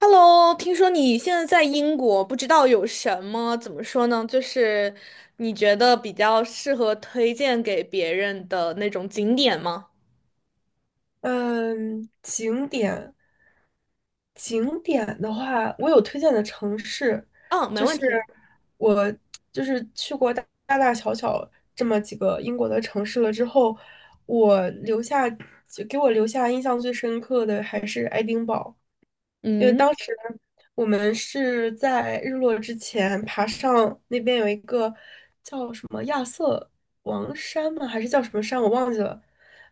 Hello，听说你现在在英国，不知道有什么，怎么说呢？就是你觉得比较适合推荐给别人的那种景点吗？嗯，景点。景点的话，我有推荐的城市。嗯，没就问是题。我去过大大小小这么几个英国的城市了之后，我留下就给我留下印象最深刻的还是爱丁堡。因为嗯，当时我们是在日落之前爬上那边，有一个叫什么亚瑟王山吗？还是叫什么山？我忘记了。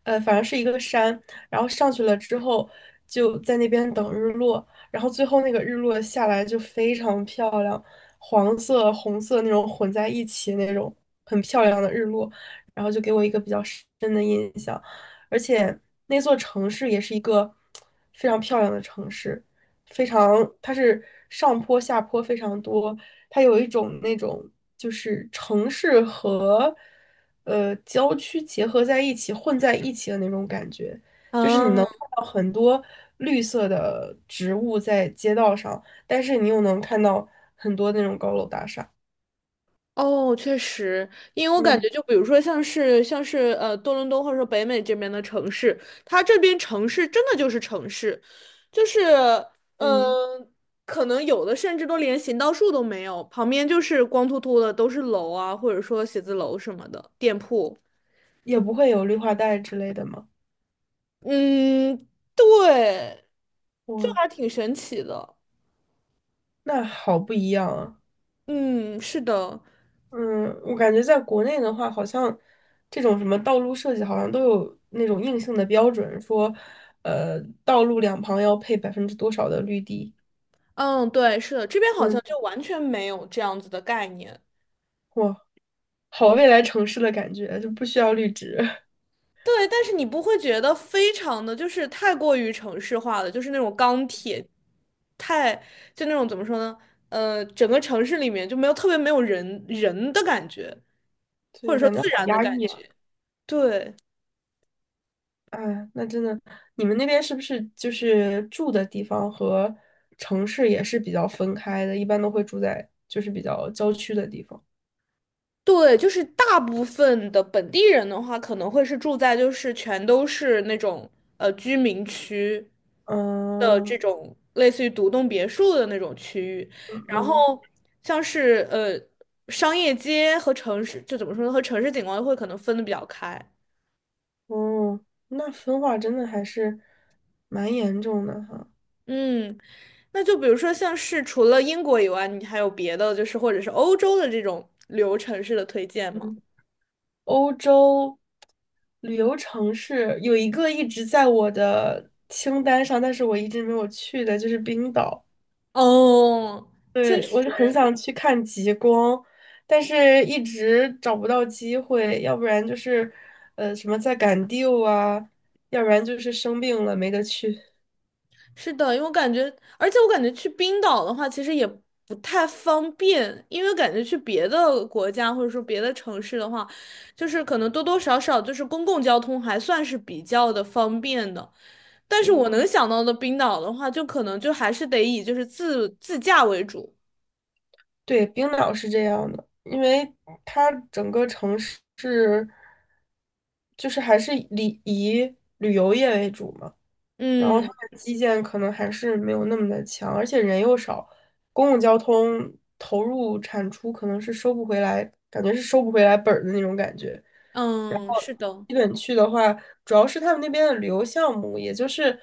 反正是一个山，然后上去了之后就在那边等日落，然后最后那个日落下来就非常漂亮，黄色、红色那种混在一起那种很漂亮的日落，然后就给我一个比较深的印象。而且那座城市也是一个非常漂亮的城市。非常，它是上坡下坡非常多，它有一种那种就是城市和郊区结合在一起、混在一起的那种感觉，就是你啊，能看到很多绿色的植物在街道上，但是你又能看到很多那种高楼大厦。哦，确实，因为我感嗯觉，就比如说像是多伦多或者说北美这边的城市，它这边城市真的就是城市，就是嗯，呃，可能有的甚至都连行道树都没有，旁边就是光秃秃的都是楼啊，或者说写字楼什么的店铺。也不会有绿化带之类的吗？嗯，对，这哇，还挺神奇的。那好不一样啊！嗯，是的，嗯，我感觉在国内的话，好像这种什么道路设计，好像都有那种硬性的标准，说，道路两旁要配百分之多少的绿地。嗯，对，是的，这边好像嗯，就完全没有这样子的概念。哇，好未来城市的感觉，就不需要绿植。对，但是你不会觉得非常的就是太过于城市化了，就是那种钢铁，太就那种怎么说呢？整个城市里面就没有特别没有人的感觉，或者对，说感觉自好然的压感抑啊！觉。对。哎，那真的，你们那边是不是就是住的地方和城市也是比较分开的？一般都会住在就是比较郊区的地方。对，就是大部分的本地人的话，可能会是住在就是全都是那种居民区的嗯这种类似于独栋别墅的那种区域，嗯然嗯。后像是商业街和城市，就怎么说呢，和城市景观会可能分的比较开。哦，那分化真的还是蛮严重的哈。嗯，那就比如说像是除了英国以外，你还有别的就是或者是欧洲的这种旅游城市的推荐吗？嗯，欧洲旅游城市有一个一直在我的清单上，但是我一直没有去的，就是冰岛。哦，确对，我是很实。想去看极光，但是一直找不到机会，要不然就是什么在赶 due 啊，要不然就是生病了没得去。是的，因为我感觉，而且我感觉去冰岛的话，其实也不太方便，因为感觉去别的国家或者说别的城市的话，就是可能多多少少就是公共交通还算是比较的方便的。但是我对。能想到的冰岛的话，就可能就还是得以就是自驾为主。对，冰岛是这样的，因为它整个城市是就是还是以旅游业为主嘛，然后它嗯的基建可能还是没有那么的强，而且人又少，公共交通投入产出可能是收不回来，感觉是收不回来本儿的那种感觉。然嗯，后是的，基本去的话，主要是他们那边的旅游项目，也就是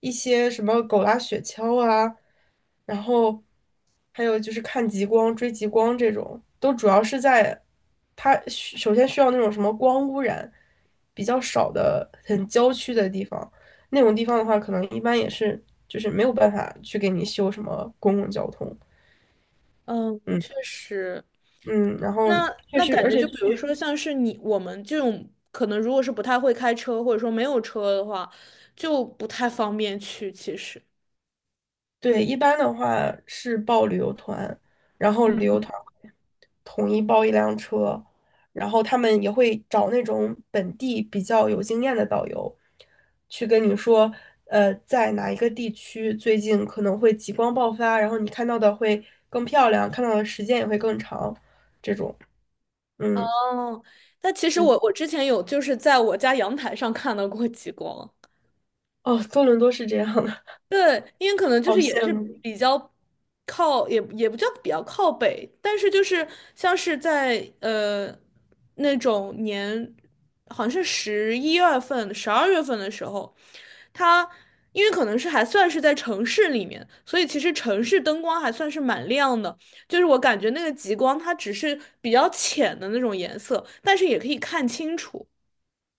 一些什么狗拉雪橇啊，然后还有就是看极光、追极光这种，都主要是在它首先需要那种什么光污染比较少的、很郊区的地方，那种地方的话，可能一般也是就是没有办法去给你修什么公共交通。嗯，嗯确实。嗯，然后那确那实，感而觉且就比去如说像是你我们这种可能如果是不太会开车或者说没有车的话，就不太方便去。其实，对，一般的话是报旅游团，然后旅游团统一包一辆车，然后他们也会找那种本地比较有经验的导游，去跟你说，在哪一个地区最近可能会极光爆发，然后你看到的会更漂亮，看到的时间也会更长，这种，嗯，嗯，但其实对，我之前有就是在我家阳台上看到过极光。哦，多伦多是这样的。对，因为可能 就好是也羡是慕。比较靠，也不叫比较靠北，但是就是像是在那种年，好像是11月份、12月份的时候，它因为可能是还算是在城市里面，所以其实城市灯光还算是蛮亮的，就是我感觉那个极光它只是比较浅的那种颜色，但是也可以看清楚。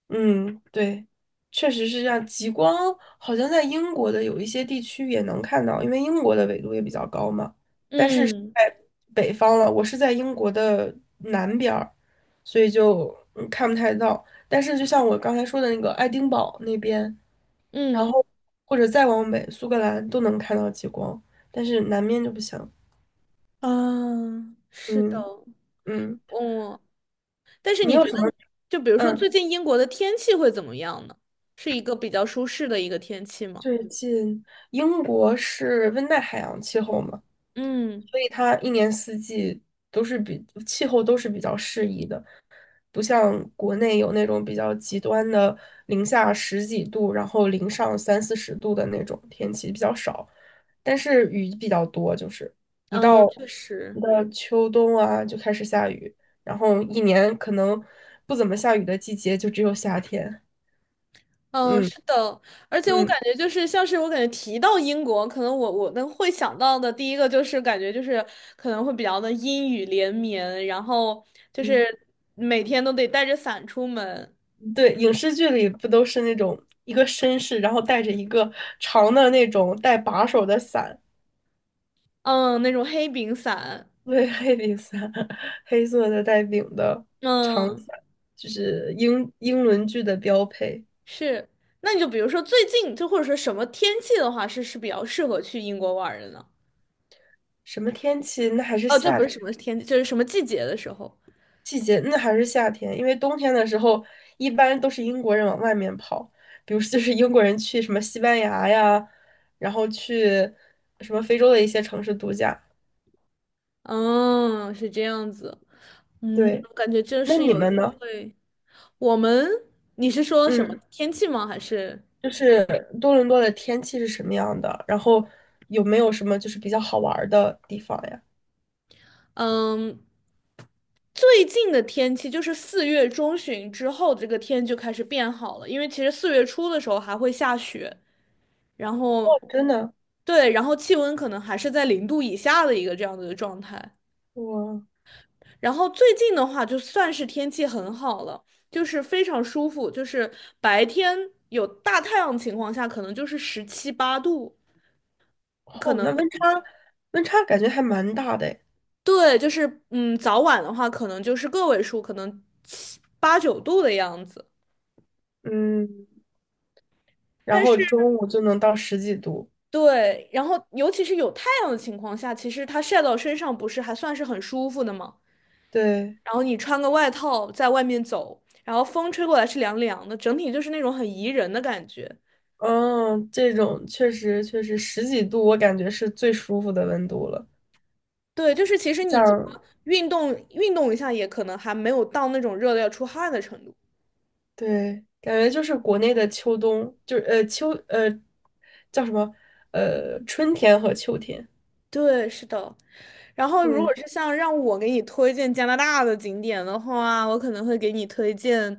嗯，对，确实是这样。极光好像在英国的有一些地区也能看到，因为英国的纬度也比较高嘛。但是嗯在北方了，我是在英国的南边儿，所以就嗯看不太到。但是就像我刚才说的那个爱丁堡那边，然嗯后或者再往北，苏格兰都能看到极光，但是南面就不行。啊，是的，嗯嗯，嗯，但是你你有觉什得，么？就比如说嗯，最近英国的天气会怎么样呢？是一个比较舒适的一个天气吗？最近英国是温带海洋气候吗？嗯所以它一年四季都是比气候都是比较适宜的，不像国内有那种比较极端的零下十几度，然后零上三四十度的那种天气比较少，但是雨比较多，就是一到嗯，确实，一到秋冬啊就开始下雨，然后一年可能不怎么下雨的季节就只有夏天。嗯，嗯是的，而且我嗯。感觉就是像是我感觉提到英国，可能我能会想到的第一个就是感觉就是可能会比较的阴雨连绵，然后就嗯是每天都得带着伞出门，对，影视剧里不都是那种一个绅士，然后带着一个长的那种带把手的伞，嗯，那种黑柄伞，对，黑柄伞。黑色的带柄的长嗯，伞，就是英伦剧的标配。是。那你就比如说最近就或者说什么天气的话，是比较适合去英国玩儿的呢？什么天气？那还是哦，这夏不天是什么天，就是什么季节的时候。季节，那还是夏天，因为冬天的时候一般都是英国人往外面跑，比如说就是英国人去什么西班牙呀，然后去什么非洲的一些城市度假。嗯，是这样子。嗯，对，我感觉这那是你有机们呢？会。我们，你是说什么嗯。天气吗？还是就是多伦多的天气是什么样的？然后有没有什么就是比较好玩儿的地方呀？嗯，最近的天气就是4月中旬之后，这个天就开始变好了。因为其实4月初的时候还会下雪，然哦，后真的，对，然后气温可能还是在0度以下的一个这样子的状态。我然后最近的话，就算是天气很好了，就是非常舒服，就是白天有大太阳情况下，可能就是十七八度，可哦，能那温差感觉还蛮大的诶。对，就是嗯，早晚的话，可能就是个位数，可能七八九度的样子。嗯，然但后是中午就能到十几度，对，然后尤其是有太阳的情况下，其实它晒到身上不是还算是很舒服的吗？对，然后你穿个外套在外面走，然后风吹过来是凉凉的，整体就是那种很宜人的感觉。嗯，这种确实十几度，我感觉是最舒服的温度了。对，就是其实你怎么像运动运动一下，也可能还没有到那种热的要出汗的程度。对，感觉就是国内的秋冬，就是呃秋呃叫什么春天和秋天，对，是的。然后，如果对。是像让我给你推荐加拿大的景点的话，我可能会给你推荐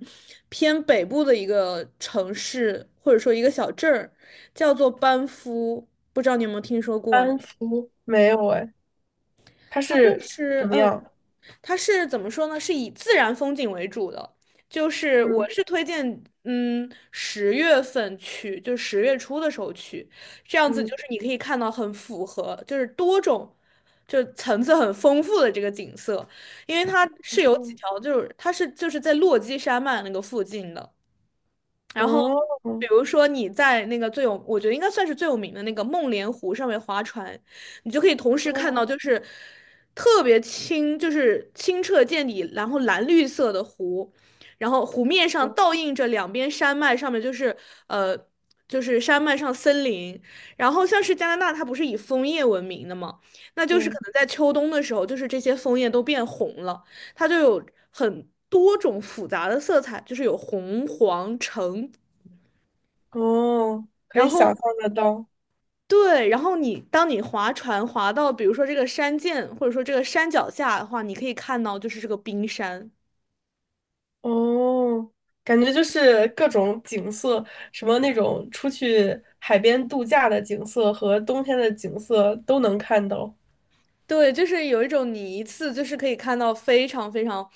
偏北部的一个城市，或者说一个小镇儿，叫做班夫。不知道你有没有听说过呢？安福没有哎，它它就是什是么嗯。样？它是怎么说呢？是以自然风景为主的，就是我嗯是推荐，嗯，10月份去，就10月初的时候去，这样子嗯就是你可以看到很符合，就是多种，就层次很丰富的这个景色，因为它是有几嗯，条，就是它是就是在落基山脉那个附近的。然后，哦比如说你在那个最有，我觉得应该算是最有名的那个梦莲湖上面划船，你就可以同时哦看到就是特别清，就是清澈见底，然后蓝绿色的湖，然后湖面上哦，倒映着两边山脉，上面就是呃就是山脉上森林，然后像是加拿大，它不是以枫叶闻名的吗？那就是可对，能在秋冬的时候，就是这些枫叶都变红了。它就有很多种复杂的色彩，就是有红、黄、橙，哦，可然以想象后 得到，对，然后你当你划船划到，比如说这个山涧或者说这个山脚下的话，你可以看到就是这个冰山，哦，感觉就是各种景色，什么那种出去海边度假的景色和冬天的景色都能看到。对，就是有一种你一次就是可以看到非常非常。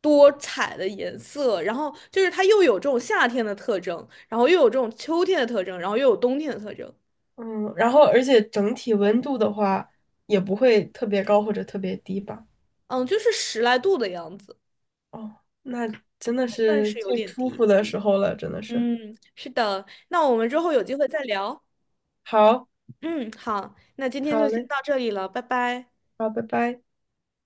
多彩的颜色，然后就是它又有这种夏天的特征，然后又有这种秋天的特征，然后又有冬天的特征，嗯，然后而且整体温度的话，也不会特别高或者特别低吧？嗯，就是十来度的样子，哦，那真的还算是是有最点舒低。服的时候了，真的是。嗯，是的，那我们之后有机会再聊。好，嗯，好，那今天好就先嘞，到这里了，拜拜。好，拜拜。